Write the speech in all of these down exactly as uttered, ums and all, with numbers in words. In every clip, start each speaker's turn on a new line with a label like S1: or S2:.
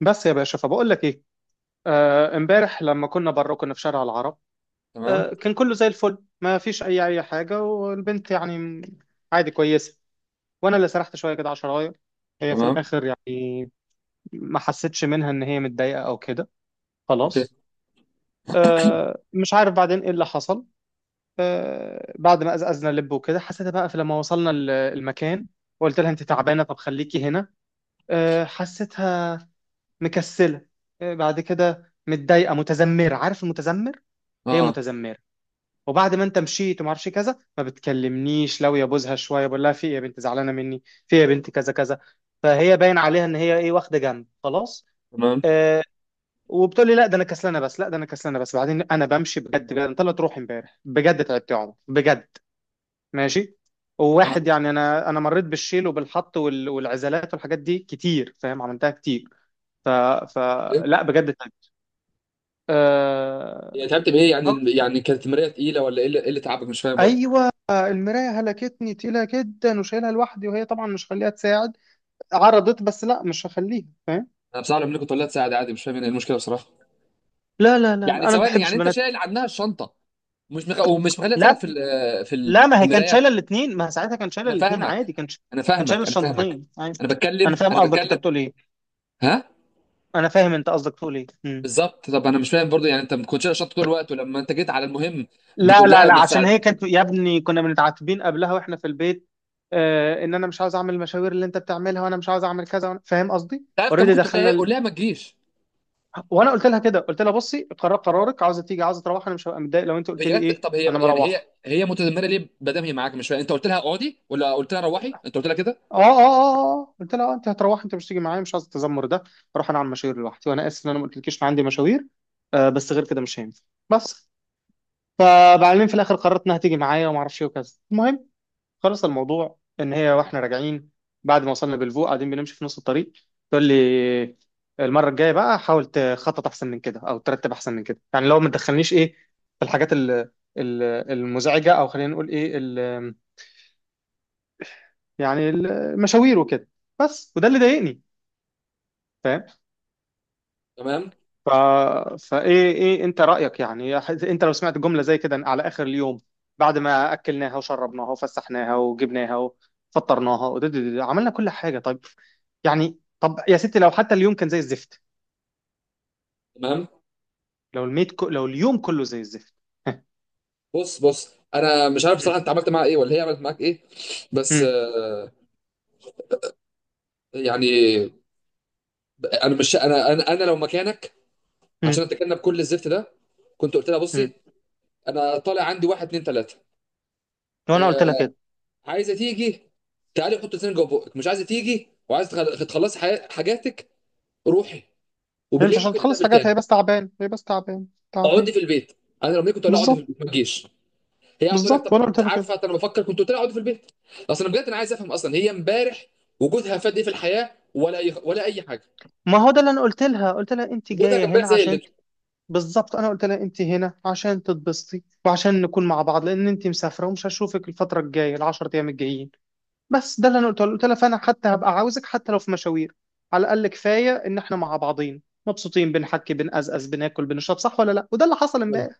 S1: بس يا باشا فبقول لك ايه. آه، امبارح لما كنا بره كنا في شارع العرب.
S2: تمام
S1: آه، كان كله زي الفل ما فيش اي اي حاجه والبنت يعني م- عادي كويسه. وانا اللي سرحت شويه كده على شرايط هي في
S2: تمام
S1: الاخر يعني ما حسيتش منها ان هي متضايقه او كده.
S2: اوكي.
S1: خلاص. آه، مش عارف بعدين ايه اللي حصل. آه، بعد ما قزقزنا لب وكده حسيتها بقى في لما وصلنا ال- المكان وقلت لها انت تعبانه طب خليكي هنا. آه، حسيتها مكسله. إيه بعد كده متضايقه متذمره عارف المتذمر. هي
S2: اه.
S1: متذمره. وبعد ما انت مشيت وما اعرفش كذا ما بتكلمنيش لو يبوزها شويه بقول لها في ايه يا بنت زعلانه مني في ايه يا بنت كذا كذا. فهي باين عليها ان هي ايه واخده جنب خلاص.
S2: تمام.
S1: آه. وبتقول لي لا ده انا كسلانه بس لا ده انا كسلانه بس بعدين انا بمشي بجد بجد انت لا تروح امبارح بجد تعبت يا عمر بجد. ماشي. وواحد
S2: اه،
S1: يعني انا انا مريت بالشيل وبالحط وال- والعزلات والحاجات دي كتير فاهم عملتها كتير. ف...
S2: ايه
S1: فلا بجد. آه.
S2: يعني؟ تعبت بايه
S1: آه،
S2: يعني؟ يعني كانت المرايه تقيله ولا ايه اللي إيه اللي تعبك؟ مش فاهم برضه.
S1: ايوه المرايه هلكتني تقيله جدا وشايلها لوحدي وهي طبعا مش هخليها تساعد. عرضت بس لا مش هخليها فاهم.
S2: انا بصراحه لما كنت اقول لها تساعد عادي مش فاهم ايه المشكله بصراحه.
S1: لا لا لا
S2: يعني
S1: لا، انا ما
S2: ثواني، يعني
S1: بحبش
S2: انت
S1: بنات.
S2: شايل عنها الشنطه، مش مخ... ومش مخليها تساعدك
S1: لا
S2: في ال... في ال...
S1: لا ما
S2: في
S1: هي كانت
S2: المرايه.
S1: شايله الاثنين ما هي ساعتها كانت شايله
S2: انا
S1: الاثنين
S2: فاهمك.
S1: عادي كانت ش...
S2: انا
S1: كانت شايله
S2: فاهمك انا فاهمك
S1: الشنطتين عادي.
S2: انا
S1: انا
S2: بتكلم،
S1: فاهم
S2: انا
S1: قصدك انت
S2: بتكلم.
S1: بتقول ايه.
S2: ها.
S1: انا فاهم انت قصدك تقول ايه. مم.
S2: بالظبط، طب انا مش فاهم برضه، يعني انت ما كنتش شايل الشنطه طول الوقت، ولما انت جيت على المهم
S1: لا
S2: بتقول
S1: لا
S2: لها
S1: لا
S2: ما
S1: عشان هي
S2: تساعدني؟
S1: كانت يا ابني كنا بنتعاتبين قبلها واحنا في البيت. آه ان انا مش عاوز اعمل المشاوير اللي انت بتعملها وانا مش عاوز اعمل كذا وأنا... فاهم قصدي.
S2: تعرف كان
S1: اوريدي
S2: ممكن تقول لها ايه؟
S1: دخلنا.
S2: قول لها ما تجيش.
S1: وانا قلت لها كده قلت لها بصي قرار قرارك عاوزه تيجي عاوزه تروح انا مش هبقى متضايق لو انت قلت لي
S2: هي جت،
S1: ايه
S2: طب هي
S1: انا
S2: يعني هي
S1: مروحه.
S2: هي متذمره ليه ما دام هي معاك؟ مش فاهم. انت قلت لها اقعدي ولا قلت لها روحي؟ انت قلت لها كده؟
S1: اه اه اه اه اه. قلت لها آه، انت هتروح انت مش تيجي معايا مش عايز التذمر ده اروح انا اعمل مشاوير لوحدي وانا اسف ان انا ما قلتلكيش إن عندي مشاوير. آه بس غير كده مش هينفع. بس. فبعدين في الاخر قررت انها تيجي معايا وما اعرفش ايه وكذا المهم. خلص الموضوع ان هي واحنا راجعين بعد ما وصلنا بالفوق قاعدين بنمشي في نص الطريق تقول لي المره الجايه بقى حاول تخطط احسن من كده او ترتب احسن من كده يعني لو ما تدخلنيش ايه في الحاجات ال- ال- المزعجه او خلينا نقول ايه ال- يعني المشاوير وكده بس وده اللي ضايقني فاهم.
S2: تمام،
S1: ف... فايه ايه إيه انت رايك يعني انت لو سمعت جمله زي كده على اخر اليوم بعد ما اكلناها وشربناها وفسحناها وجبناها وفطرناها ودد- عملنا كل حاجه طيب يعني طب يا ستي لو حتى اليوم كان زي الزفت
S2: تمام.
S1: لو الميت كو... لو اليوم كله زي الزفت.
S2: بص، بص، انا مش عارف بصراحه انت عملت معاها ايه ولا هي عملت معاك ايه. بس
S1: مم.
S2: آه، يعني انا مش انا انا, أنا لو مكانك،
S1: مم.
S2: عشان اتجنب كل الزفت ده، كنت قلت لها بصي
S1: مم.
S2: انا طالع عندي واحد اتنين تلاته.
S1: وانا قلت لها
S2: آه.
S1: كده
S2: عايزه تيجي؟ تعالي حط لسانك جوه بقك. مش عايزه تيجي وعايزه تخل- تخلصي حي- حاجاتك؟ روحي،
S1: هي مش
S2: وبالليل
S1: عشان
S2: ممكن
S1: تخلص
S2: نتقابل
S1: حاجات
S2: تاني.
S1: هي بس تعبان هي بس تعبان تعبان.
S2: اقعدي في البيت. انا لو منك كنت اقول لها اقعدي في
S1: بالظبط.
S2: البيت، ما تجيش. هي هتقول لك
S1: بالظبط
S2: طب
S1: وانا قلت
S2: مش
S1: لها كده
S2: عارفه، طب انا بفكر، كنت قلت لها اقعدي في البيت. اصل انا بجد انا عايز افهم، اصلا هي امبارح وجودها فاد ايه في الحياه؟ ولا أي... ولا اي حاجه؟
S1: ما هو ده اللي انا قلت لها قلت لها انت
S2: وجودها كان
S1: جايه
S2: امبارح
S1: هنا
S2: زي
S1: عشان
S2: قلته.
S1: ت- بالظبط انا قلت لها انت هنا عشان تتبسطي وعشان نكون مع بعض لان انت مسافره ومش هشوفك الفتره الجايه العشر ايام الجايين بس ده اللي انا قلت له قلت لها فانا حتى هبقى عاوزك حتى لو في مشاوير على الاقل كفايه ان احنا مع بعضين مبسوطين بنحكي بنقزقز بناكل بنشرب صح ولا لا وده اللي حصل امبارح.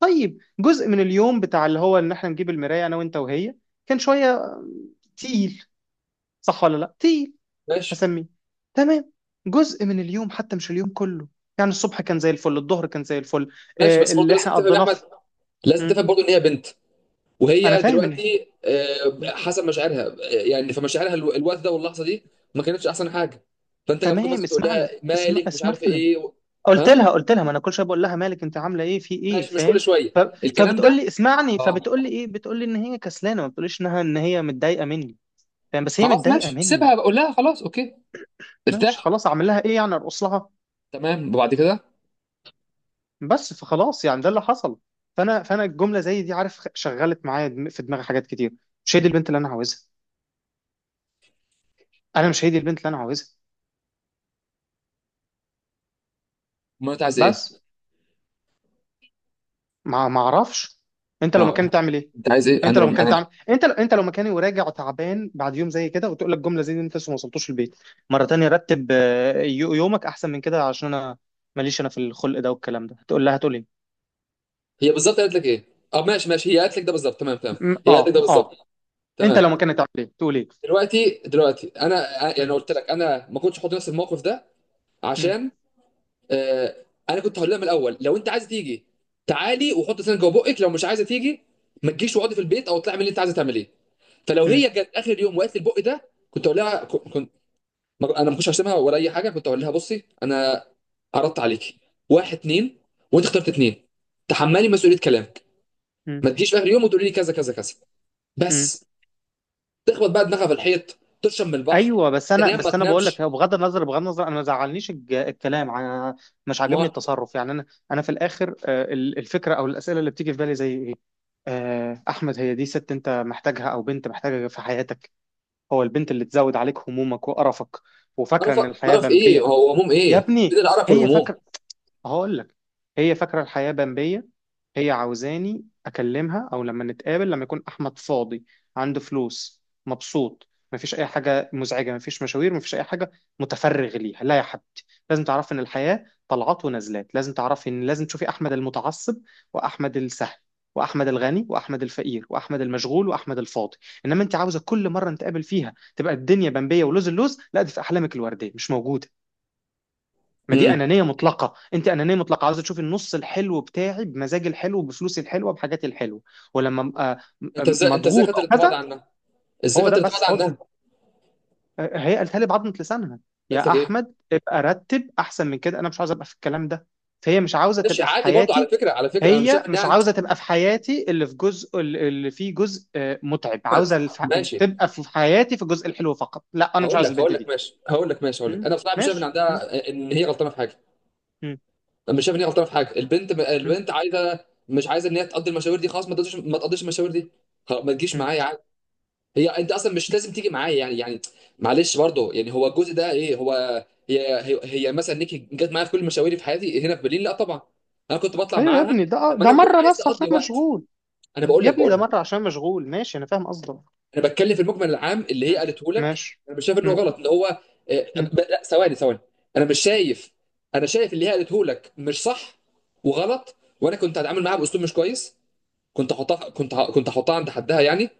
S1: طيب جزء من اليوم بتاع اللي هو ان احنا نجيب المرايه انا وانت وهي كان شويه تقيل صح ولا لا تقيل
S2: ماشي،
S1: هسميه تمام. جزء من اليوم حتى مش اليوم كله يعني الصبح كان زي الفل الظهر كان زي الفل.
S2: ماشي،
S1: آه،
S2: بس برضه
S1: اللي
S2: لازم
S1: احنا
S2: تفهم يا
S1: قضيناه
S2: احمد.
S1: في.
S2: لازم
S1: مم.
S2: تفهم برضه ان هي بنت،
S1: انا
S2: وهي
S1: فاهم ان.
S2: دلوقتي آه،
S1: مم.
S2: حسب مشاعرها، آه، يعني فمشاعرها الو- الوقت ده واللحظه دي ما كانتش احسن حاجه. فانت كان ممكن
S1: تمام
S2: مثلا تقول لها
S1: اسمعني اسم...
S2: مالك؟ مش عارف
S1: اسمعني
S2: ايه و...
S1: قلت
S2: ها.
S1: لها قلت لها ما انا كل شويه بقول لها مالك انت عامله ايه في ايه
S2: ماشي، مش
S1: فاهم.
S2: كل شويه
S1: ف...
S2: الكلام
S1: فبتقول
S2: ده.
S1: لي اسمعني
S2: اه.
S1: فبتقول لي ايه بتقول لي ان هي كسلانه ما بتقوليش انها ان هي متضايقه مني فاهم بس هي
S2: خلاص
S1: متضايقه
S2: ماشي،
S1: مني.
S2: سيبها، بقول لها خلاص اوكي.
S1: ماشي
S2: ارتاح.
S1: خلاص اعمل لها ايه يعني ارقص لها
S2: تمام، وبعد كده؟
S1: بس فخلاص يعني ده اللي حصل. فانا فانا الجمله زي دي عارف شغلت معايا دم- في دماغي حاجات كتير مش هي دي البنت اللي انا عاوزها انا مش هي دي البنت اللي انا عاوزها
S2: ما انت عايز ايه؟
S1: بس. ما ما اعرفش. انت
S2: ما
S1: لو
S2: هو
S1: مكاني تعمل ايه.
S2: انت عايز ايه؟
S1: انت
S2: انا
S1: لو
S2: رم...
S1: مكاني
S2: انا.
S1: تعمل انت انت لو مكاني وراجع تعبان بعد يوم زي كده وتقول لك جمله زي دي انت لسه ما وصلتوش البيت مره تانية رتب آه، يو- يومك احسن من كده عشان انا ماليش انا في الخلق ده والكلام ده هتقول لها هتقول ايه.
S2: هي بالظبط قالت لك ايه؟ اه ماشي، ماشي، هي قالت لك ده بالظبط؟ تمام، تمام.
S1: م-
S2: هي قالت لك
S1: اه
S2: ده
S1: اه.
S2: بالظبط؟
S1: انت لو
S2: تمام.
S1: مكاني تعمل ايه تقول ايه.
S2: دلوقتي، دلوقتي انا يعني، انا يعني
S1: م-
S2: قلت لك انا ما كنتش احط نفسي في الموقف ده،
S1: م-
S2: عشان آه، انا كنت هقول لها من الاول لو انت عايزه تيجي تعالي وحط سنك جوه بقك، لو مش عايزه تيجي ما تجيش واقعدي في البيت، او اطلعي من اللي انت عايزه تعمليه. فلو
S1: م-
S2: هي جت اخر يوم وقالت لي البق ده كنت اقول لها، كنت انا ما كنتش هشتمها ولا اي حاجه، كنت اقول لها بصي انا عرضت عليكي واحد اتنين، وانت اخترت اتنين، تحملي مسؤوليه كلامك.
S1: م-
S2: ما تجيش في اخر يوم وتقولي لي كذا كذا كذا.
S1: م-
S2: بس. تخبط بقى دماغها في الحيط، تشرب من البحر،
S1: ايوه بس انا
S2: تنام ما
S1: بس انا بقول
S2: تنامش.
S1: لك هو بغض النظر بغض النظر انا ما زعلنيش الج- الكلام انا مش عاجبني
S2: ما
S1: التصرف يعني انا انا في الاخر آه، ال- الفكره او الاسئله اللي بتيجي في بالي زي ايه. آه، احمد هي دي ست انت محتاجها او بنت محتاجها في حياتك. هو البنت اللي تزود عليك همومك وقرفك وفاكره
S2: قرف،
S1: ان الحياه
S2: قرف ايه؟
S1: بمبيه.
S2: هو هموم
S1: يا
S2: ايه؟ فين
S1: ابني
S2: القرف
S1: هي
S2: والهموم؟
S1: فاكره. هقول لك. هي فاكرة الحياة بمبية. هي عاوزاني أكلمها أو لما نتقابل لما يكون أحمد فاضي عنده فلوس مبسوط مفيش أي حاجة مزعجة مفيش مشاوير مفيش أي حاجة متفرغ ليها. لا يا حبيبتي لازم تعرفي إن الحياة طلعات ونزلات لازم تعرفي إن لازم تشوفي أحمد المتعصب وأحمد السهل وأحمد الغني وأحمد الفقير وأحمد المشغول وأحمد الفاضي. إنما أنت عاوزة كل مرة نتقابل فيها تبقى الدنيا بمبية ولوز اللوز لا دي في أحلامك الوردية مش موجودة. ما دي
S2: امم.
S1: انانيه مطلقه انت انانيه مطلقه عاوزه تشوفي النص الحلو بتاعي بمزاجي الحلو بفلوسي الحلوه بحاجاتي الحلوه. ولما ابقى م- آه،
S2: انت
S1: م- آه،
S2: ازاي، انت ازاي
S1: مضغوط
S2: خدت
S1: او
S2: الانطباع ده
S1: كذا.
S2: عنها؟ ازاي
S1: هو
S2: خدت
S1: ده
S2: الانطباع
S1: بس
S2: ده
S1: خد.
S2: عنها؟
S1: آه، هي قالتها لي بعضمه لسانها
S2: قالت
S1: يا
S2: لك ايه؟
S1: احمد ابقى رتب احسن من كده انا مش عاوز ابقى في الكلام ده. فهي مش عاوزه
S2: ماشي
S1: تبقى في
S2: عادي برضو. على
S1: حياتي.
S2: فكره، على فكره، انا مش
S1: هي
S2: شايف ان
S1: مش
S2: يعني.
S1: عاوزه تبقى في حياتي اللي في جزء اللي فيه جزء آه، متعب عاوزه الف...
S2: ماشي،
S1: تبقى في حياتي في الجزء الحلو فقط لا انا مش
S2: هقول
S1: عاوز
S2: لك،
S1: البنت
S2: هقول لك
S1: دي.
S2: ماشي، هقول لك ماشي، هقول
S1: م?
S2: لك انا بصراحه مش شايف ان
S1: ماشي م?
S2: عندها، ان هي غلطانه في حاجه.
S1: م?
S2: مش شايف ان هي غلطانه في حاجه. البنت، البنت عايزه، مش عايزه ان هي تقضي المشاوير دي، خلاص ما تقضيش، ما تقضيش المشاوير دي. خلاص ما تجيش
S1: م?.
S2: معايا. هي انت اصلا مش لازم تيجي معايا يعني، يعني معلش برضه. يعني هو الجزء ده ايه هو؟ هي هي, هي مثلا نيكي جت معايا في كل مشاويري في حياتي هنا في برلين؟ لا طبعا. انا كنت بطلع
S1: ايوه يا
S2: معاها
S1: ابني ده آه،
S2: لما
S1: ده
S2: انا بكون
S1: مره
S2: عايز
S1: بس عشان
S2: اقضي وقت.
S1: مشغول.
S2: انا بقول
S1: يا
S2: لك،
S1: ابني
S2: بقول
S1: ده
S2: لك
S1: مره عشان مشغول ماشي انا فاهم قصدك.
S2: انا بتكلم في المجمل العام اللي هي
S1: مم.
S2: قالته لك.
S1: ماشي.
S2: انا مش شايف انه
S1: مم.
S2: غلط اللي هو آه،
S1: مم.
S2: ب- لا ثواني، ثواني. انا مش شايف، انا شايف اللي هي قالته لك مش صح وغلط، وانا كنت هتعامل معاها باسلوب مش كويس، كنت احطها، كنت ه- كنت احطها عند حدها يعني.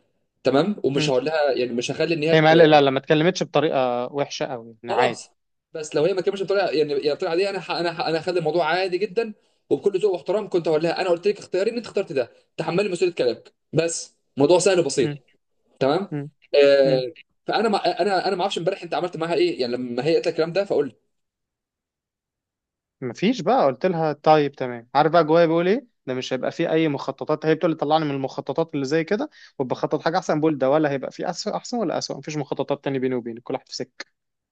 S2: تمام. ومش
S1: مم.
S2: هقول لها يعني، مش هخلي ان هي.
S1: هي ما لا لا لا، ما اتكلمتش بطريقه وحشه قوي يعني
S2: خلاص.
S1: عادي.
S2: بس لو هي ما كملتش بطريقه يعني، يعني بطريقه عاديه، انا ح... انا ح... انا هخلي الموضوع عادي جدا، وبكل ذوق واحترام كنت هقول لها انا قلت لك، اختياري ان انت اخترت ده، تحملي مسؤوليه كلامك. بس موضوع سهل وبسيط.
S1: مم.
S2: تمام.
S1: مم. مم.
S2: آه... فانا ما... انا انا ما اعرفش امبارح انت عملت معاها ايه يعني، لما هي قالت لك الكلام ده فقول لي.
S1: مفيش بقى قلت لها طيب تمام عارف بقى جوايا بيقول ايه ده مش هيبقى فيه اي مخططات هي بتقول لي طلعني من المخططات اللي زي كده وبخطط حاجه احسن بقول ده ولا هيبقى فيه أسوأ احسن ولا اسوء مفيش مخططات تاني بيني وبينك كل واحد في سكه.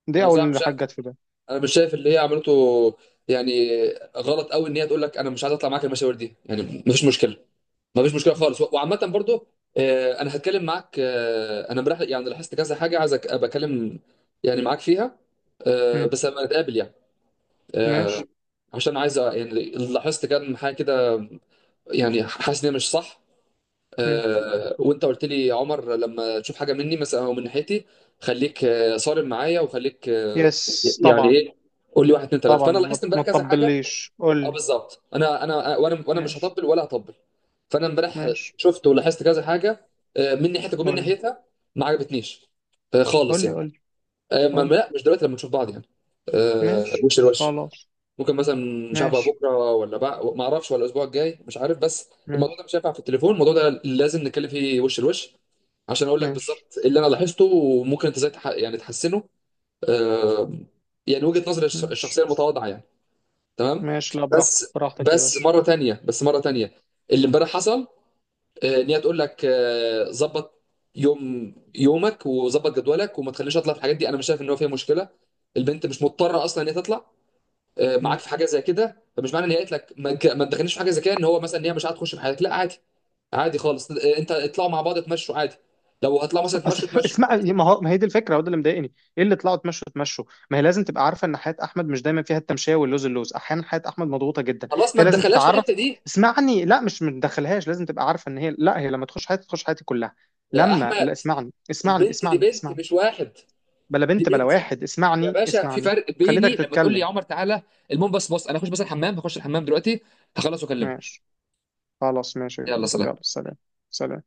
S1: دي
S2: انا بصراحه مش
S1: اول
S2: شايف،
S1: حاجه جت في بالي.
S2: انا مش شايف اللي هي عملته يعني غلط قوي. ان هي تقول لك انا مش عايز اطلع معاك المشاوير دي يعني، مفيش مشكله. ما فيش مشكله
S1: مم.
S2: خالص. وعامه برضو آه، انا هتكلم معاك. آه، انا امبارح يعني لاحظت كذا حاجه، عايز أك- ابقى اتكلم يعني معاك فيها، آه،
S1: مم.
S2: بس لما نتقابل يعني. آه،
S1: ماشي.
S2: عشان عايز أ- يعني لاحظت كام حاجه كده، يعني حاسس ان هي مش صح.
S1: مم.
S2: آه، وانت قلت لي يا عمر لما تشوف حاجه مني مثلا او من ناحيتي، خليك آه، صارم معايا، وخليك آه،
S1: يس
S2: يعني
S1: طبعا.
S2: ايه، قول لي واحد اتنين تلاته.
S1: طبعا
S2: فانا
S1: ما
S2: لاحظت
S1: ما
S2: امبارح كذا حاجه.
S1: تطبليش قول
S2: اه
S1: لي.
S2: بالظبط، انا انا آه، وانا وانا مش
S1: ماشي
S2: هطبل ولا هطبل. فانا امبارح
S1: ماشي
S2: شفت ولاحظت كذا حاجه آه، من ناحيتك ومن
S1: قول لي
S2: ناحيتها، ما عجبتنيش آه، خالص
S1: قول لي
S2: يعني.
S1: قول لي
S2: آه، ما
S1: قول لي
S2: ما- لا مش دلوقتي، لما نشوف بعض يعني آه،
S1: ماشي
S2: وش لوش.
S1: خلاص
S2: ممكن مثلا، مش عارف بقى
S1: ماشي
S2: بكره ولا بقى ما اعرفش ولا الاسبوع الجاي مش عارف. بس الموضوع
S1: ماشي
S2: ده مش هينفع في التليفون، الموضوع ده لازم نتكلم فيه وش لوش، عشان اقول لك
S1: ماشي
S2: بالظبط اللي انا لاحظته وممكن انت ازاي تح- يعني تحسنه. آه، يعني وجهة نظري الش-
S1: ماشي
S2: الشخصيه المتواضعه يعني. تمام.
S1: ماشي لا براحتك
S2: بس،
S1: براحتك يا
S2: بس
S1: باشا.
S2: مره تانية، بس مره تانية، اللي امبارح حصل آه، ان هي تقول لك آه، ظبط يوم يومك وظبط جدولك وما تخليش اطلع في الحاجات دي، انا مش شايف ان هو فيها مشكله. البنت مش مضطره اصلا ان هي تطلع آه،
S1: مم.
S2: معاك في حاجه زي كده. فمش معنى ان هي قالت لك ما تج- ما تدخلنيش في حاجه زي كده، ان هو مثلا ان هي مش هتخش في حياتك. لا عادي، عادي خالص. آه، انت اطلعوا مع بعض، تمشوا عادي. لو هتطلعوا مثلا تمشوا،
S1: أصف...
S2: تمشوا.
S1: اسمع ما هو ما هي دي الفكره هو ده اللي مضايقني ايه اللي طلعوا تمشوا تمشوا ما هي لازم تبقى عارفه ان حياه احمد مش دايما فيها التمشيه واللوز اللوز احيانا حياه احمد مضغوطه جدا.
S2: خلاص ما
S1: فهي لازم
S2: تدخلهاش في الحته
S1: تتعرف.
S2: دي
S1: اسمعني لا مش متدخلهاش لازم تبقى عارفه ان هي لا هي لما تخش حياتي تخش حياتي كلها
S2: يا
S1: لما
S2: احمد.
S1: لا اسمعني اسمعني
S2: البنت دي
S1: اسمعني
S2: بنت
S1: اسمعني
S2: مش واحد.
S1: بلا
S2: دي
S1: بنت بلا
S2: بنت
S1: واحد
S2: يا
S1: اسمعني
S2: باشا، في
S1: اسمعني
S2: فرق.
S1: خليتك
S2: بيني لما تقول لي يا
S1: تتكلم.
S2: عمر تعالى. المهم بس بص، انا هخش بس الحمام، هخش الحمام دلوقتي، هخلص واكلمك.
S1: ماشي خلاص ماشي يا
S2: يلا
S1: جميل يلا
S2: سلام.
S1: سلام. سلام.